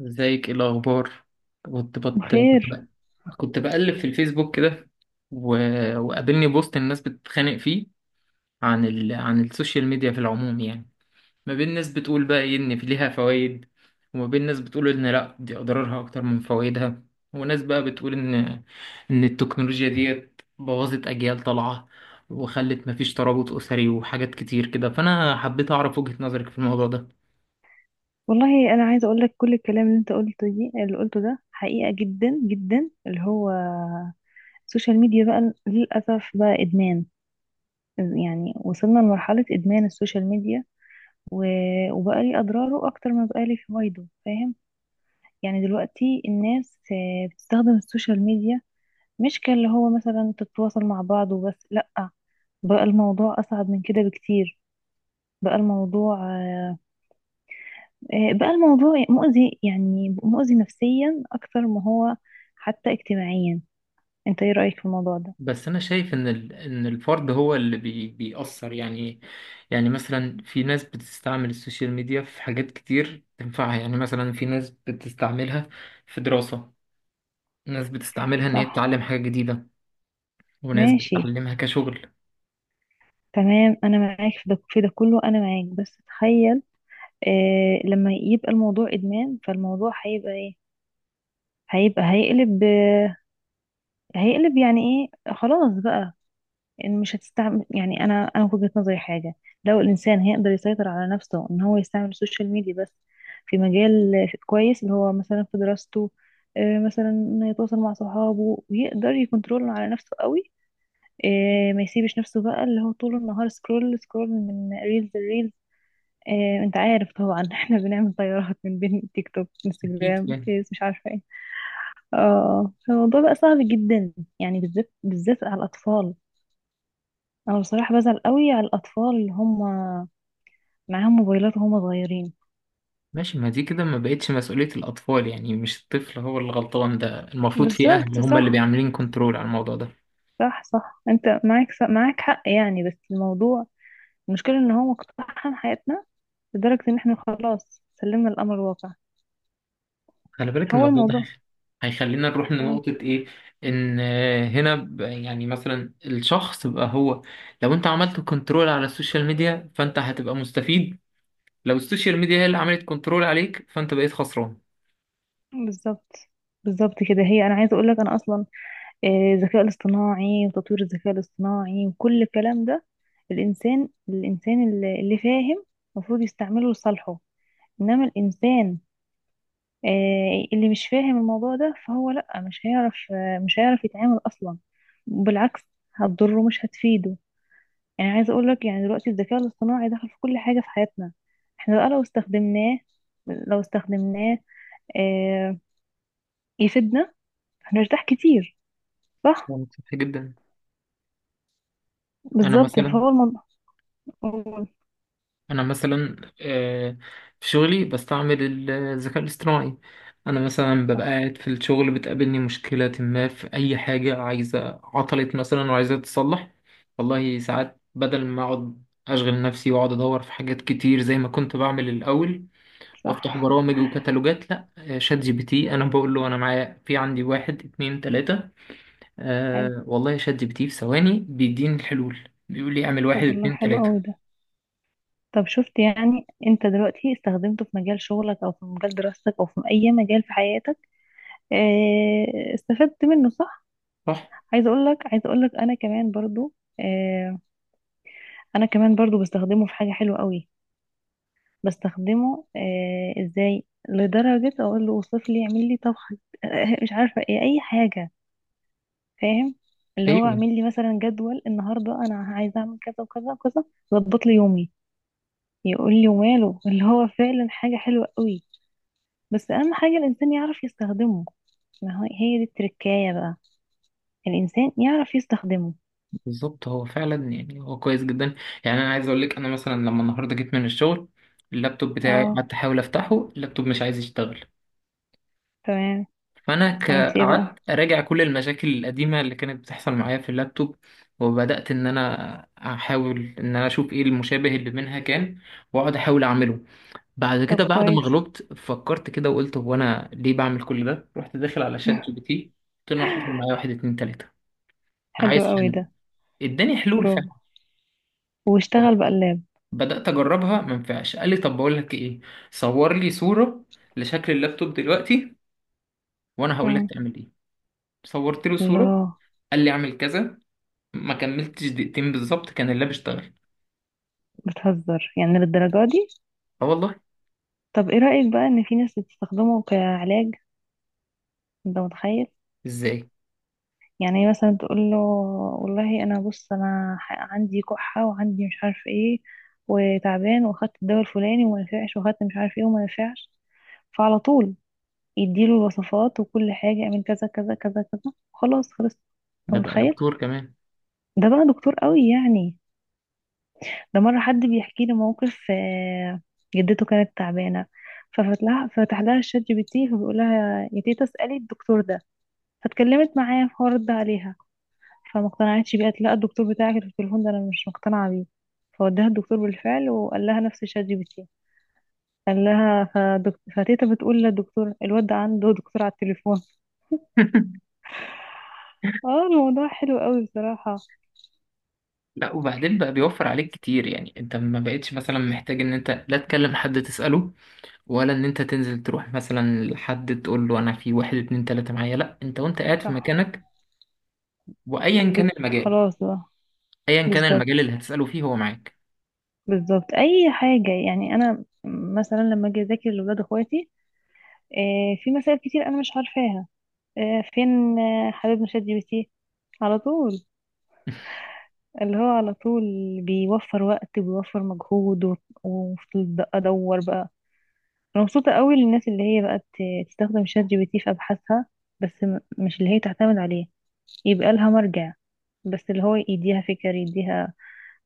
ازيك؟ ايه الاخبار؟ كنت بت... كنت بخير. بقى... كنت بقلب في الفيسبوك كده. و... وقابلني بوست الناس بتتخانق فيه عن عن السوشيال ميديا في العموم، يعني ما بين ناس بتقول بقى ايه ان في ليها فوائد، وما بين ناس بتقول ان لا دي اضرارها اكتر من فوائدها. وناس بقى بتقول ان التكنولوجيا ديت بوظت اجيال طالعة وخلت مفيش ترابط اسري وحاجات كتير كده. فانا حبيت اعرف وجهة نظرك في الموضوع ده. والله انا عايزه اقول لك كل الكلام اللي انت قلته دي اللي قلته ده حقيقه جدا جدا، اللي هو السوشيال ميديا بقى للاسف بقى ادمان. يعني وصلنا لمرحله ادمان السوشيال ميديا و... وبقى لي اضراره اكتر ما بقى لي فوائده، فاهم؟ يعني دلوقتي الناس بتستخدم السوشيال ميديا، مش كاللي هو مثلا تتواصل مع بعض وبس، لا. بقى الموضوع اصعب من كده بكتير. بقى الموضوع بقى الموضوع مؤذي، يعني مؤذي نفسيا أكتر ما هو حتى اجتماعيا. أنت إيه رأيك في الموضوع ده؟ بس انا شايف ان الفرد هو اللي بيأثر، يعني إيه؟ يعني مثلا في ناس بتستعمل السوشيال ميديا في حاجات كتير تنفعها، يعني مثلا في ناس بتستعملها في دراسة، ناس بتستعملها ان هي صح. تتعلم حاجة جديدة، وناس ماشي. بتتعلمها كشغل. تمام. أنا معاك في ده كله، أنا معاك. بس تخيل، لما يبقى الموضوع إدمان فالموضوع هيبقى إيه؟ هيبقى، هيقلب، هيقلب، يعني إيه، خلاص بقى، ان مش هتستعمل. يعني انا في وجهة نظري حاجه، لو الانسان هيقدر يسيطر على نفسه ان هو يستعمل السوشيال ميديا بس في مجال كويس، اللي هو مثلا في دراسته، مثلا انه يتواصل مع صحابه ويقدر يكنترول على نفسه قوي، ما يسيبش نفسه بقى اللي هو طول النهار سكرول سكرول من ريلز لريلز. انت عارف طبعا احنا بنعمل طيارات من بين تيك توك، اكيد انستجرام، يعني. فيس، مش عارفه ايه. اه. فالموضوع بقى صعب جدا، يعني بالذات بالذات على الاطفال. انا بصراحة بزعل قوي على الاطفال اللي هم معاهم موبايلات وهم صغيرين. ماشي. ما دي كده ما بقتش مسؤولية الاطفال، يعني مش الطفل هو اللي غلطان، ده المفروض في اهل بالظبط. هم اللي صح، بيعملين كنترول على الموضوع ده. صح، صح. انت معاك صح، معاك حق، يعني. بس الموضوع، المشكلة ان هو مقتحم حياتنا لدرجة ان احنا خلاص سلمنا الامر الواقع. خلي بالك هو الموضوع ده الموضوع... هيخلينا نروح مم. لنقطة إيه؟ إن، هنا يعني مثلا الشخص بقى هو، لو أنت عملت كنترول على السوشيال ميديا فأنت هتبقى مستفيد، لو السوشيال ميديا هي اللي عملت كنترول عليك فأنت بقيت خسران. بالظبط، بالظبط كده. هي، انا عايزة اقول لك انا اصلا الذكاء الاصطناعي وتطوير الذكاء الاصطناعي وكل الكلام ده، الانسان اللي فاهم المفروض يستعمله لصالحه. انما الانسان اللي مش فاهم الموضوع ده فهو لأ، مش هيعرف، مش هيعرف يتعامل أصلا، بالعكس هتضره مش هتفيده. يعني عايزة أقولك، يعني دلوقتي الذكاء الاصطناعي دخل في كل حاجة في حياتنا، احنا بقى لو استخدمناه آه، يفيدنا، هنرتاح كتير. صح. ده سطحي جدا. أنا بالظبط، مثلا فهو الموضوع... قول. انا مثلا، في شغلي بستعمل الذكاء الاصطناعي. انا مثلا ببقى صح. قاعد في الشغل بتقابلني مشكلة ما في اي حاجة عايزة، عطلت مثلا وعايزة تتصلح. والله ساعات بدل ما اقعد اشغل نفسي واقعد ادور في حاجات كتير زي ما كنت بعمل الاول وافتح صح. برامج وكتالوجات، لا، شات جي بي تي انا بقول له انا معايا، في عندي واحد اتنين تلاتة. حلو. أه والله، شات جي بي تي في ثواني بيديني الحلول، بيقول لي اعمل طب واحد والله اتنين حلو قوي تلاتة. ده. طب شفت؟ يعني انت دلوقتي استخدمته في مجال شغلك او في مجال دراستك او في اي مجال في حياتك استفدت منه، صح. صح. عايزه اقول لك انا كمان برضو، آه، انا كمان برضو بستخدمه في حاجه حلوه قوي. بستخدمه، ازاي؟ لدرجه اقول له وصف لي، اعمل لي طبخه مش عارفه ايه اي حاجه، فاهم؟ اللي هو ايوه. اعمل لي مثلا جدول، النهارده انا عايزه اعمل كذا وكذا وكذا، ظبط لي يومي، يقول لي، وماله، اللي هو فعلا حاجه حلوه قوي. بس اهم حاجه الانسان يعرف يستخدمه. ما هي دي التركايه بقى، الانسان يعرف يستخدمه. بالظبط، هو فعلا، يعني هو كويس جدا. يعني انا عايز اقول لك، انا مثلا لما النهارده جيت من الشغل اللابتوب بتاعي اه. قعدت احاول افتحه، اللابتوب مش عايز يشتغل. تمام. فانا عملت ايه بقى؟ قعدت اراجع كل المشاكل القديمه اللي كانت بتحصل معايا في اللابتوب، وبدات ان انا احاول ان انا اشوف ايه المشابه اللي منها كان، واقعد احاول اعمله. بعد طب كده، بعد ما كويس. غلبت فكرت كده وقلت هو انا ليه بعمل كل ده، رحت داخل على شات جي بي تي. قلت له أنا حصل معايا واحد اتنين تلاته، حلو عايز قوي حل. ده. اداني حلول فعلا. برافو. واشتغل بقلاب؟ بدأت أجربها ما ينفعش، قال لي طب بقول لك إيه، صور لي صورة لشكل اللابتوب دلوقتي وأنا هقول لك مم. تعمل إيه. صورت له صورة، الله. قال لي أعمل كذا، ما كملتش دقيقتين بالظبط كان اللاب اشتغل. بتهزر يعني للدرجة دي؟ أه والله. طب ايه رأيك بقى ان في ناس بتستخدمه كعلاج؟ انت متخيل؟ إزاي؟ يعني إيه، مثلا تقول له، والله انا بص، انا عندي كحة، وعندي مش عارف ايه، وتعبان، واخدت الدواء الفلاني وما نفعش، واخدت مش عارف ايه وما نفعش، فعلى طول يديله الوصفات وكل حاجة، اعمل كذا كذا كذا كذا، خلاص، خلص. ده انت بقى متخيل؟ دكتور كمان. ده بقى دكتور قوي يعني. ده مرة حد بيحكي لي موقف، جدته كانت تعبانة، ففتح لها الشات جي بي تي، فبيقول لها يا تيتا اسألي الدكتور ده. فاتكلمت معاه فهو رد عليها، فما اقتنعتش بيه، قالت لا الدكتور بتاعك اللي في التليفون ده انا مش مقتنعة بيه. فوداها الدكتور بالفعل، وقال لها نفس الشات جي بي تي، قال لها فتيتا بتقول للدكتور الواد ده عنده دكتور على التليفون اه، الموضوع حلو قوي بصراحة. لا، وبعدين بقى بيوفر عليك كتير، يعني انت ما بقتش مثلا محتاج ان انت لا تكلم حد تسأله، ولا ان انت تنزل تروح مثلا لحد تقول له انا في واحد اتنين تلاتة معايا، لا انت وانت قاعد في صح. مكانك وايا كان المجال، خلاص بقى. ايا كان بالظبط، المجال اللي هتسأله فيه هو معاك. بالظبط اي حاجه، يعني انا مثلا لما اجي اذاكر لاولاد اخواتي في مسائل كتير انا مش عارفاها، فين حبيبنا شات جي بي تي؟ على طول، اللي هو على طول بيوفر وقت وبيوفر مجهود وفضلت بقى ادور بقى. انا مبسوطه قوي للناس اللي هي بقت تستخدم شات جي بي تي في ابحاثها، بس مش اللي هي تعتمد عليه، يبقى لها مرجع، بس اللي هو يديها فكر، يديها،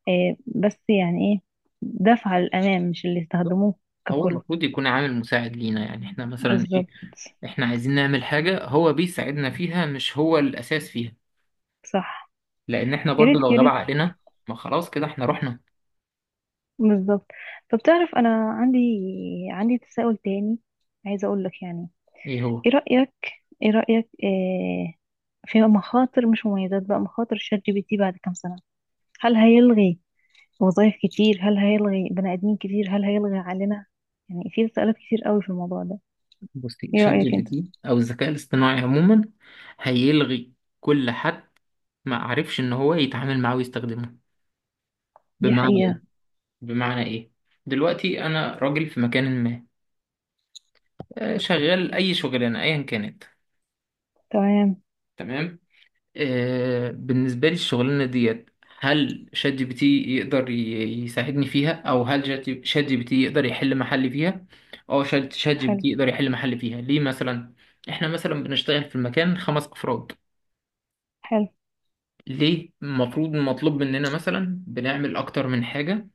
بس يعني ايه، دفعه للامام، مش اللي يستخدموه هو ككل. المفروض يكون عامل مساعد لينا، يعني احنا مثلا ايه، بالظبط. احنا عايزين نعمل حاجة هو بيساعدنا فيها، مش هو الأساس فيها، صح. لأن احنا يا برضو ريت، لو يا غاب ريت. عقلنا ما خلاص كده احنا رحنا. بالظبط. طب تعرف، انا عندي، عندي تساؤل تاني، عايزه اقول لك يعني. ايه هو؟ ايه رايك؟ ايه رايك في مخاطر مش مميزات بقى، مخاطر شات جي بي تي بعد كام سنه؟ هل هيلغي وظائف كتير؟ هل هيلغي بني ادمين كتير؟ هل هيلغي علينا؟ يعني في تساؤلات كتير قوي في الموضوع ده. بصي، ايه شات جي رايك بي انت؟ تي أو الذكاء الاصطناعي عموما هيلغي كل حد ما عرفش إن هو يتعامل معاه ويستخدمه. دي بمعنى حقيقه. ايه بمعنى ايه دلوقتي أنا راجل في مكان ما، شغال أي شغلانة أيا كانت. تمام. تمام. بالنسبة لي الشغلانة ديت، هل شات جي بي تي يقدر يساعدني فيها، أو هل شات جي بي تي يقدر يحل محلي فيها؟ أه، شات جي بي حلو. تي يقدر يحل محلي فيها ليه مثلا؟ إحنا مثلا بنشتغل في المكان 5 أفراد، حلو. ليه المفروض مطلوب مننا مثلا بنعمل أكتر من حاجة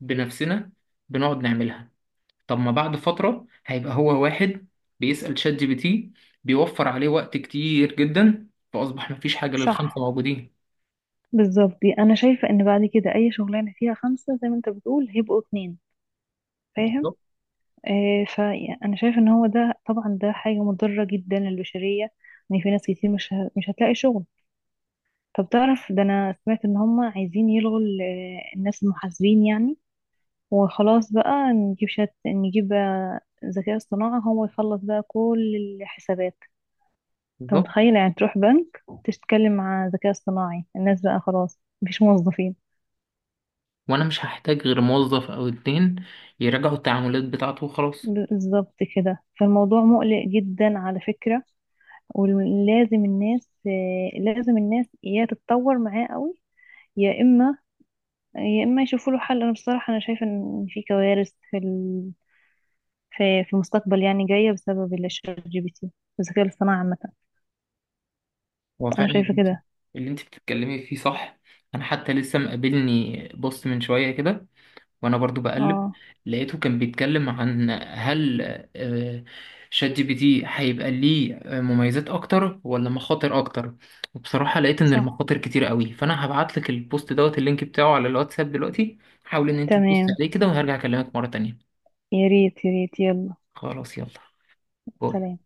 بنفسنا، بنقعد نعملها. طب ما بعد فترة هيبقى هو واحد بيسأل شات جي بي تي، بيوفر عليه وقت كتير جدا، فأصبح مفيش حاجة صح. للخمسة موجودين. بالظبط، دي انا شايفه ان بعد كده اي شغلانه فيها خمسه زي ما انت بتقول هيبقوا اتنين، فاهم؟ بالظبط. آه، فانا شايف ان هو ده طبعا، ده حاجه مضره جدا للبشريه، ان في ناس كتير مش هتلاقي شغل. طب تعرف، ده انا سمعت ان هم عايزين يلغوا الناس المحاسبين يعني، وخلاص بقى نجيب شات، نجيب ذكاء اصطناعي هو يخلص بقى كل الحسابات. انت بالظبط. متخيل يعني تروح بنك تتكلم مع ذكاء اصطناعي؟ الناس بقى خلاص، مفيش موظفين. وانا مش هحتاج غير موظف او اتنين يراجعوا التعاملات بتاعته وخلاص. بالظبط كده، فالموضوع مقلق جدا على فكرة. ولازم الناس آه، لازم الناس يا تتطور معاه قوي، يا اما يا اما يشوفوا له حل. انا بصراحه، انا شايفه ان في كوارث في في المستقبل، يعني جايه بسبب الشات جي بي تي، الذكاء الاصطناعي عامه. هو انا فعلا اللي شايفه انت كده. اللي انت بتتكلمي فيه صح. انا حتى لسه مقابلني بوست من شوية كده وانا برضو بقلب، اه. لقيته كان بيتكلم عن هل آه، شات جي بي تي هيبقى ليه مميزات اكتر ولا مخاطر اكتر. وبصراحة لقيت ان صح. المخاطر كتير قوي، فانا هبعت لك البوست دوت اللينك بتاعه على الواتساب دلوقتي. حاول ان انت تبص تمام. عليه كده وهرجع اكلمك مرة تانية. يا ريت، يا ريت. يلا. خلاص يلا. باي. سلام.